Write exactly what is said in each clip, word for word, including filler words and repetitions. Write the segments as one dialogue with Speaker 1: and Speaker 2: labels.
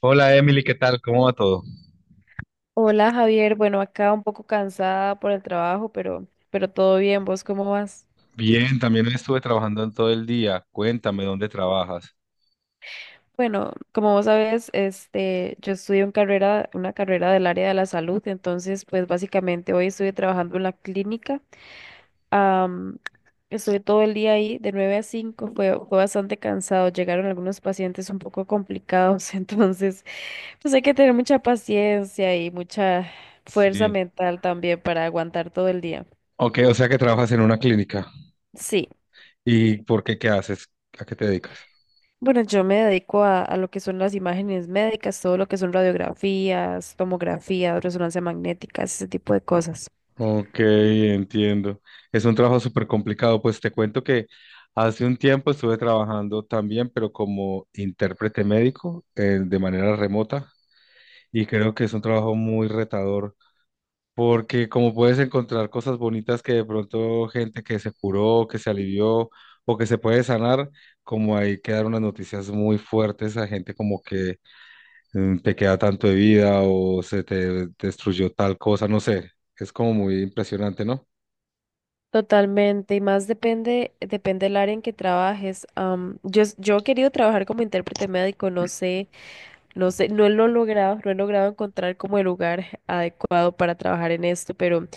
Speaker 1: Hola Emily, ¿qué tal? ¿Cómo va todo?
Speaker 2: Hola Javier, bueno, acá un poco cansada por el trabajo, pero, pero todo bien, ¿vos cómo vas?
Speaker 1: Bien, también estuve trabajando en todo el día. Cuéntame dónde trabajas.
Speaker 2: Bueno, como vos sabes, este, yo estudio en carrera, una carrera del área de la salud, entonces pues básicamente hoy estuve trabajando en la clínica. am, Estuve todo el día ahí de nueve a cinco, fue, fue bastante cansado, llegaron algunos pacientes un poco complicados, entonces pues hay que tener mucha paciencia y mucha fuerza
Speaker 1: Sí.
Speaker 2: mental también para aguantar todo el día.
Speaker 1: Ok, o sea que trabajas en una clínica.
Speaker 2: Sí.
Speaker 1: ¿Y por qué qué haces? ¿A qué te dedicas?
Speaker 2: Bueno, yo me dedico a, a lo que son las imágenes médicas, todo lo que son radiografías, tomografías, resonancia magnética, ese tipo de cosas.
Speaker 1: Ok, entiendo. Es un trabajo súper complicado. Pues te cuento que hace un tiempo estuve trabajando también, pero como intérprete médico, eh, de manera remota, y creo que es un trabajo muy retador. Porque como puedes encontrar cosas bonitas que de pronto gente que se curó, que se alivió o que se puede sanar, como hay que dar unas noticias muy fuertes a gente como que mm, te queda tanto de vida o se te destruyó tal cosa, no sé, es como muy impresionante, ¿no?
Speaker 2: Totalmente, y más depende, depende del área en que trabajes. Am, yo, es- yo he querido trabajar como intérprete médico, no sé. No sé, no lo he logrado, no he logrado encontrar como el lugar adecuado para trabajar en esto, pero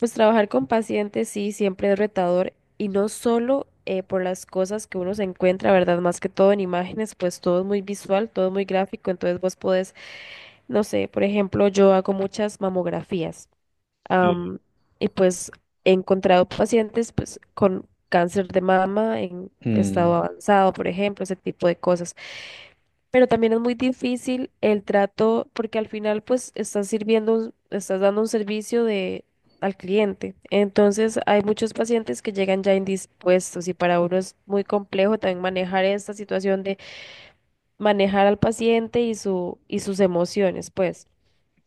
Speaker 2: pues trabajar con pacientes sí, siempre es retador, y no solo eh, por las cosas que uno se encuentra, ¿verdad? Más que todo en imágenes, pues todo es muy visual, todo es muy gráfico, entonces vos podés, no sé, por ejemplo, yo hago muchas mamografías,
Speaker 1: Sí.
Speaker 2: am, y pues he encontrado pacientes pues con cáncer de mama en
Speaker 1: Mm.
Speaker 2: estado avanzado, por ejemplo, ese tipo de cosas. Pero también es muy difícil el trato, porque al final pues estás sirviendo, un- estás dando un servicio de al cliente. Entonces hay muchos pacientes que llegan ya indispuestos y para uno es muy complejo también manejar esta situación de manejar al paciente y su y sus emociones, pues.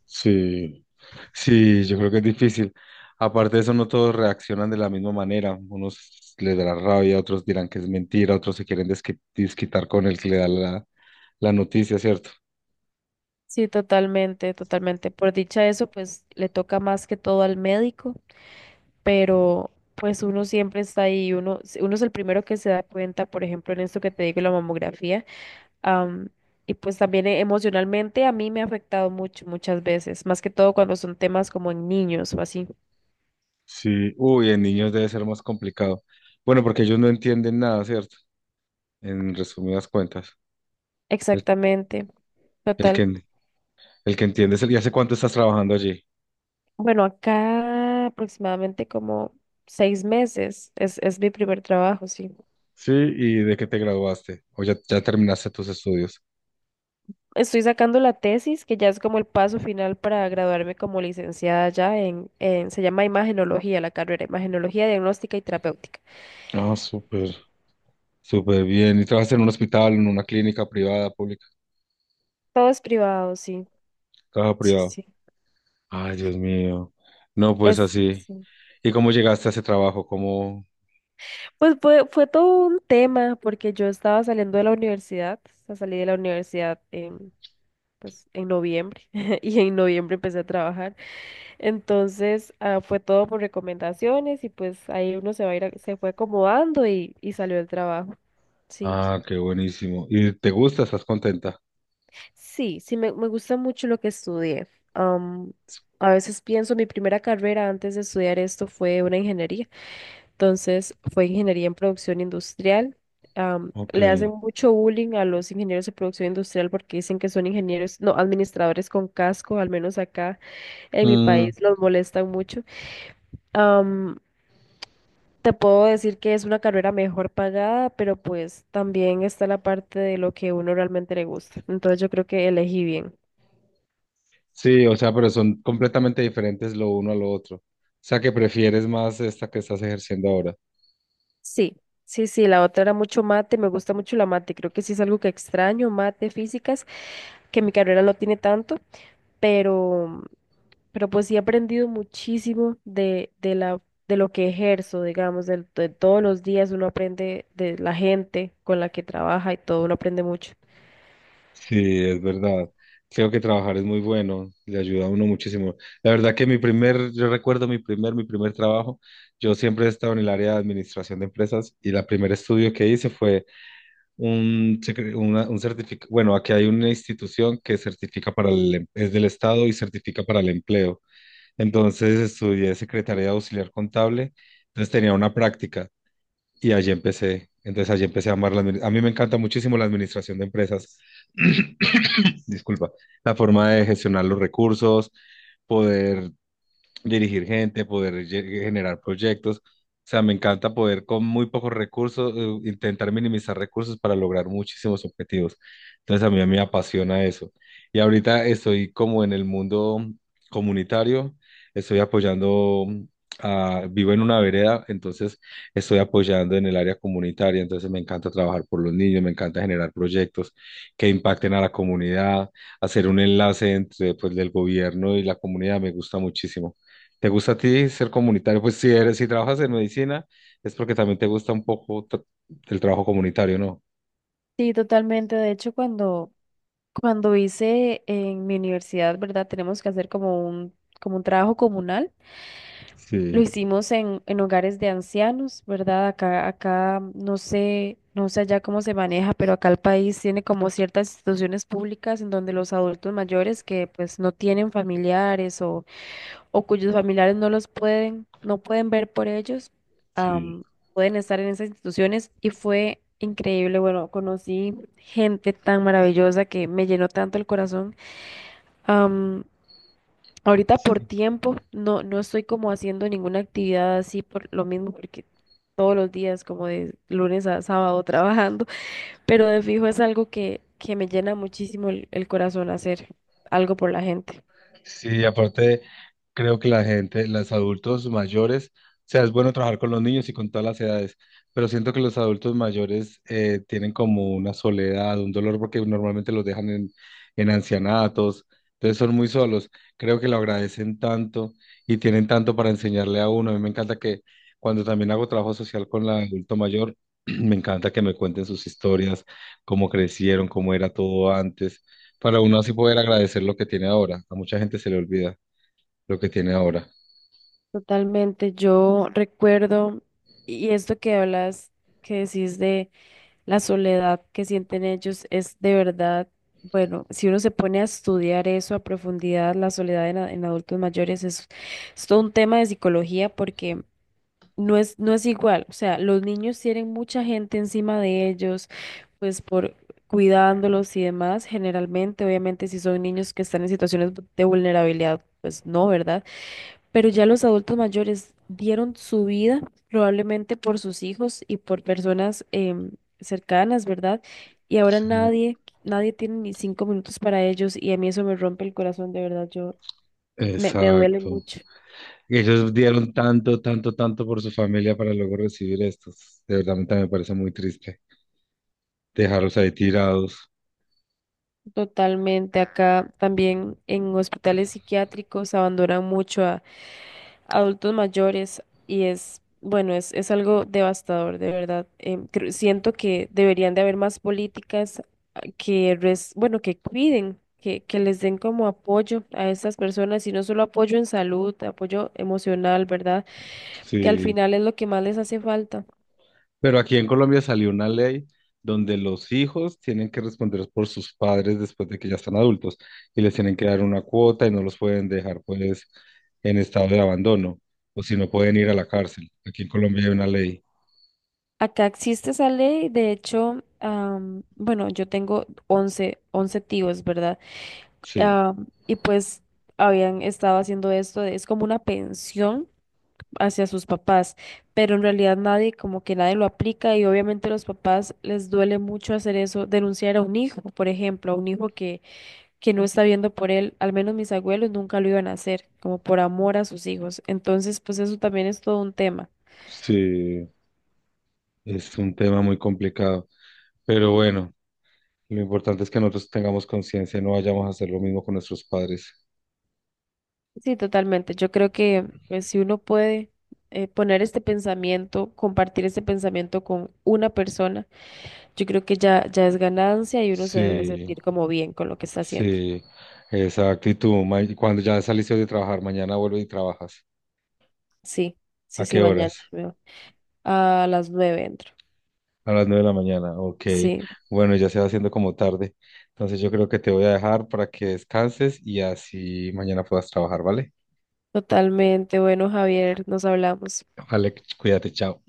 Speaker 1: Sí, sí, yo creo que es difícil. Aparte de eso, no todos reaccionan de la misma manera. Unos les dará rabia, otros dirán que es mentira, otros se quieren desqui- desquitar con el que le da la la noticia, ¿cierto?
Speaker 2: Sí, totalmente, totalmente. Por dicha eso, pues le toca más que todo al médico, pero pues uno siempre está ahí, uno uno es el primero que se da cuenta, por ejemplo, en esto que te digo, la mamografía Am, y pues también eh, emocionalmente a mí me ha afectado mucho, muchas veces, más que todo cuando son temas como en niños o así.
Speaker 1: Sí, uy, en niños debe ser más complicado. Bueno, porque ellos no entienden nada, ¿cierto? En resumidas cuentas, el,
Speaker 2: Exactamente,
Speaker 1: el
Speaker 2: total.
Speaker 1: que, el que entiende es el, ¿y hace cuánto estás trabajando allí?
Speaker 2: Bueno, acá aproximadamente como seis meses es, es mi primer trabajo, sí.
Speaker 1: Sí, ¿y de qué te graduaste? ¿O ya, ya terminaste tus estudios?
Speaker 2: Estoy sacando la tesis, que ya es como el paso final para graduarme como licenciada ya en, en se llama imagenología la carrera, imagenología diagnóstica y terapéutica.
Speaker 1: Ah, súper, súper bien. ¿Y trabajas en un hospital, en una clínica privada, pública?
Speaker 2: Todo es privado, sí,
Speaker 1: Trabajo
Speaker 2: sí,
Speaker 1: privado.
Speaker 2: sí.
Speaker 1: Ay, Dios mío. No, pues
Speaker 2: Es,
Speaker 1: así.
Speaker 2: sí.
Speaker 1: ¿Y cómo llegaste a ese trabajo? ¿Cómo?
Speaker 2: Pues fue, fue todo un tema porque yo estaba saliendo de la universidad, o sea, salí de la universidad en, pues, en noviembre y en noviembre empecé a trabajar. Entonces, ah, fue todo por recomendaciones y pues ahí uno se va a ir, a- se fue acomodando y, y salió el trabajo. Sí,
Speaker 1: Ah, qué buenísimo. ¿Y te gusta? ¿Estás contenta?
Speaker 2: sí, sí, me, me gusta mucho lo que estudié. Am, a veces pienso, mi primera carrera antes de estudiar esto fue una ingeniería. Entonces fue ingeniería en producción industrial. Am,
Speaker 1: Ok.
Speaker 2: le hacen mucho bullying a los ingenieros de producción industrial, porque dicen que son ingenieros, no, administradores con casco, al menos acá en mi
Speaker 1: Mm.
Speaker 2: país los molestan mucho. Am, te puedo decir que es una carrera mejor pagada, pero pues también está la parte de lo que uno realmente le gusta. Entonces yo creo que elegí bien.
Speaker 1: Sí, o sea, pero son completamente diferentes lo uno a lo otro. O sea, que prefieres más esta que estás ejerciendo ahora.
Speaker 2: Sí, sí, sí, la otra era mucho mate, me gusta mucho la mate, creo que sí es algo que extraño, mate, físicas, que mi carrera no tiene tanto, pero, pero pues sí he aprendido muchísimo de, de la, de lo que ejerzo, digamos, del- de, todos los días uno aprende de la gente con la que trabaja y todo, uno aprende mucho.
Speaker 1: Sí, es verdad. Creo que trabajar es muy bueno, le ayuda a uno muchísimo. La verdad que mi primer, yo recuerdo mi primer, mi primer trabajo, yo siempre he estado en el área de administración de empresas y la primer estudio que hice fue un, secre- una- un certificado, bueno, aquí hay una institución que certifica para el, em- es del Estado y certifica para el empleo. Entonces estudié Secretaría Auxiliar Contable, entonces tenía una práctica. Y allí empecé. Entonces allí empecé a amar la admini- A mí me encanta muchísimo la administración de empresas. Disculpa. La forma de gestionar los recursos, poder dirigir gente, poder lle- generar proyectos. O sea, me encanta poder con muy pocos recursos, eh, intentar minimizar recursos para lograr muchísimos objetivos. Entonces a mí me apasiona eso. Y ahorita estoy como en el mundo comunitario, estoy apoyando, a- vivo en una vereda, entonces estoy apoyando en el área comunitaria, entonces me encanta trabajar por los niños, me encanta generar proyectos que impacten a la comunidad, hacer un enlace entre pues del gobierno y la comunidad, me gusta muchísimo. ¿Te gusta a ti ser comunitario? Pues si eres, si trabajas en medicina, es porque también te gusta un poco tra- el trabajo comunitario, ¿no?
Speaker 2: Sí, totalmente. De hecho, cuando, cuando hice en mi universidad, ¿verdad? Tenemos que hacer como un, como un trabajo comunal. Lo
Speaker 1: Sí.
Speaker 2: hicimos en, en hogares de ancianos, ¿verdad? Acá, acá mm, no sé, no sé allá cómo se maneja, pero acá el país tiene como ciertas instituciones públicas en donde los adultos mayores que pues no tienen familiares, o, o cuyos familiares no los pueden, no pueden ver por ellos,
Speaker 1: Sí,
Speaker 2: am, pueden estar en esas instituciones, y fue increíble. Bueno, conocí gente tan maravillosa que me llenó tanto el corazón. Ahorita por
Speaker 1: sí.
Speaker 2: tiempo no, no estoy como haciendo ninguna actividad así, por lo mismo, porque todos los días, como de lunes a sábado trabajando, pero de fijo es algo que, que me llena muchísimo el, el corazón, hacer algo por la gente.
Speaker 1: Sí, aparte creo que la gente, los adultos mayores, o sea, es bueno trabajar con los niños y con todas las edades, pero siento que los adultos mayores eh, tienen como una soledad, un dolor, porque normalmente los dejan en, en ancianatos, entonces son muy solos. Creo que lo agradecen tanto y tienen tanto para enseñarle a uno. A mí me encanta que cuando también hago trabajo social con la adulto mayor, me encanta que me cuenten sus historias, cómo crecieron, cómo era todo antes para uno así poder agradecer lo que tiene ahora. A mucha gente se le olvida lo que tiene ahora.
Speaker 2: Totalmente, yo recuerdo, y esto que hablas, que decís de la soledad que sienten ellos, es de verdad. Bueno, si uno se pone a estudiar eso a profundidad, la soledad en, a- en adultos mayores es, es todo un tema de psicología, porque No es, no es igual. O sea, los niños tienen mucha gente encima de ellos, pues por cuidándolos y demás, generalmente, obviamente, si son niños que están en situaciones de vulnerabilidad, pues no, ¿verdad? Pero ya los adultos mayores dieron su vida probablemente por sus hijos y por personas em, cercanas, ¿verdad? Y ahora
Speaker 1: Sí.
Speaker 2: nadie, nadie tiene ni cinco minutos para ellos, y a mí eso me rompe el corazón, de verdad. Yo me, me duele
Speaker 1: Exacto.
Speaker 2: mucho.
Speaker 1: Ellos dieron tanto, tanto, tanto por su familia para luego recibir estos. De verdad, a mí también me parece muy triste dejarlos ahí tirados.
Speaker 2: Totalmente. Acá también en hospitales psiquiátricos abandonan mucho a adultos mayores y es, bueno, es, es algo devastador, de verdad. Em, creo- siento que deberían de haber más políticas, ah, que, res- bueno, que cuiden, que, que les den como apoyo a estas personas, y no solo apoyo en salud, apoyo emocional, ¿verdad? Que al
Speaker 1: Sí.
Speaker 2: final es lo que más les hace falta.
Speaker 1: Pero aquí en Colombia salió una ley donde los hijos tienen que responder por sus padres después de que ya están adultos y les tienen que dar una cuota y no los pueden dejar pues en estado de abandono o si no pueden ir a la cárcel. Aquí en Colombia hay una ley.
Speaker 2: Acá existe esa ley, de hecho. Am, bueno, yo tengo once once tíos, ¿verdad?
Speaker 1: Sí.
Speaker 2: Ah, y pues habían estado haciendo esto, de- es como una pensión hacia sus papás, pero en realidad nadie, como que nadie lo aplica, y obviamente a los papás les duele mucho hacer eso, denunciar a un hijo, por ejemplo, a un hijo que, que no está viendo por él. Al menos mis abuelos nunca lo iban a hacer, como por amor a sus hijos. Entonces, pues eso también es todo un tema.
Speaker 1: Sí, es un tema muy complicado, pero bueno, lo importante es que nosotros tengamos conciencia y no vayamos a hacer lo mismo con nuestros padres.
Speaker 2: Sí, totalmente. Yo creo que pues, si uno puede eh, poner este pensamiento, compartir este pensamiento con una persona, yo creo que ya, ya es ganancia, y uno se debe
Speaker 1: Sí,
Speaker 2: sentir como bien con lo que está haciendo.
Speaker 1: sí, exacto. Y tú, ma- y cuando ya saliste de trabajar, mañana vuelves y trabajas.
Speaker 2: Sí, sí,
Speaker 1: ¿A
Speaker 2: sí,
Speaker 1: qué
Speaker 2: mañana
Speaker 1: horas?
Speaker 2: me voy. A las nueve entro.
Speaker 1: A las nueve de la mañana. Ok.
Speaker 2: Sí,
Speaker 1: Bueno, ya se va haciendo como tarde. Entonces yo creo que te voy a dejar para que descanses y así mañana puedas trabajar, ¿vale?
Speaker 2: totalmente. Bueno, Javier, nos hablamos.
Speaker 1: Vale, cuídate, chao.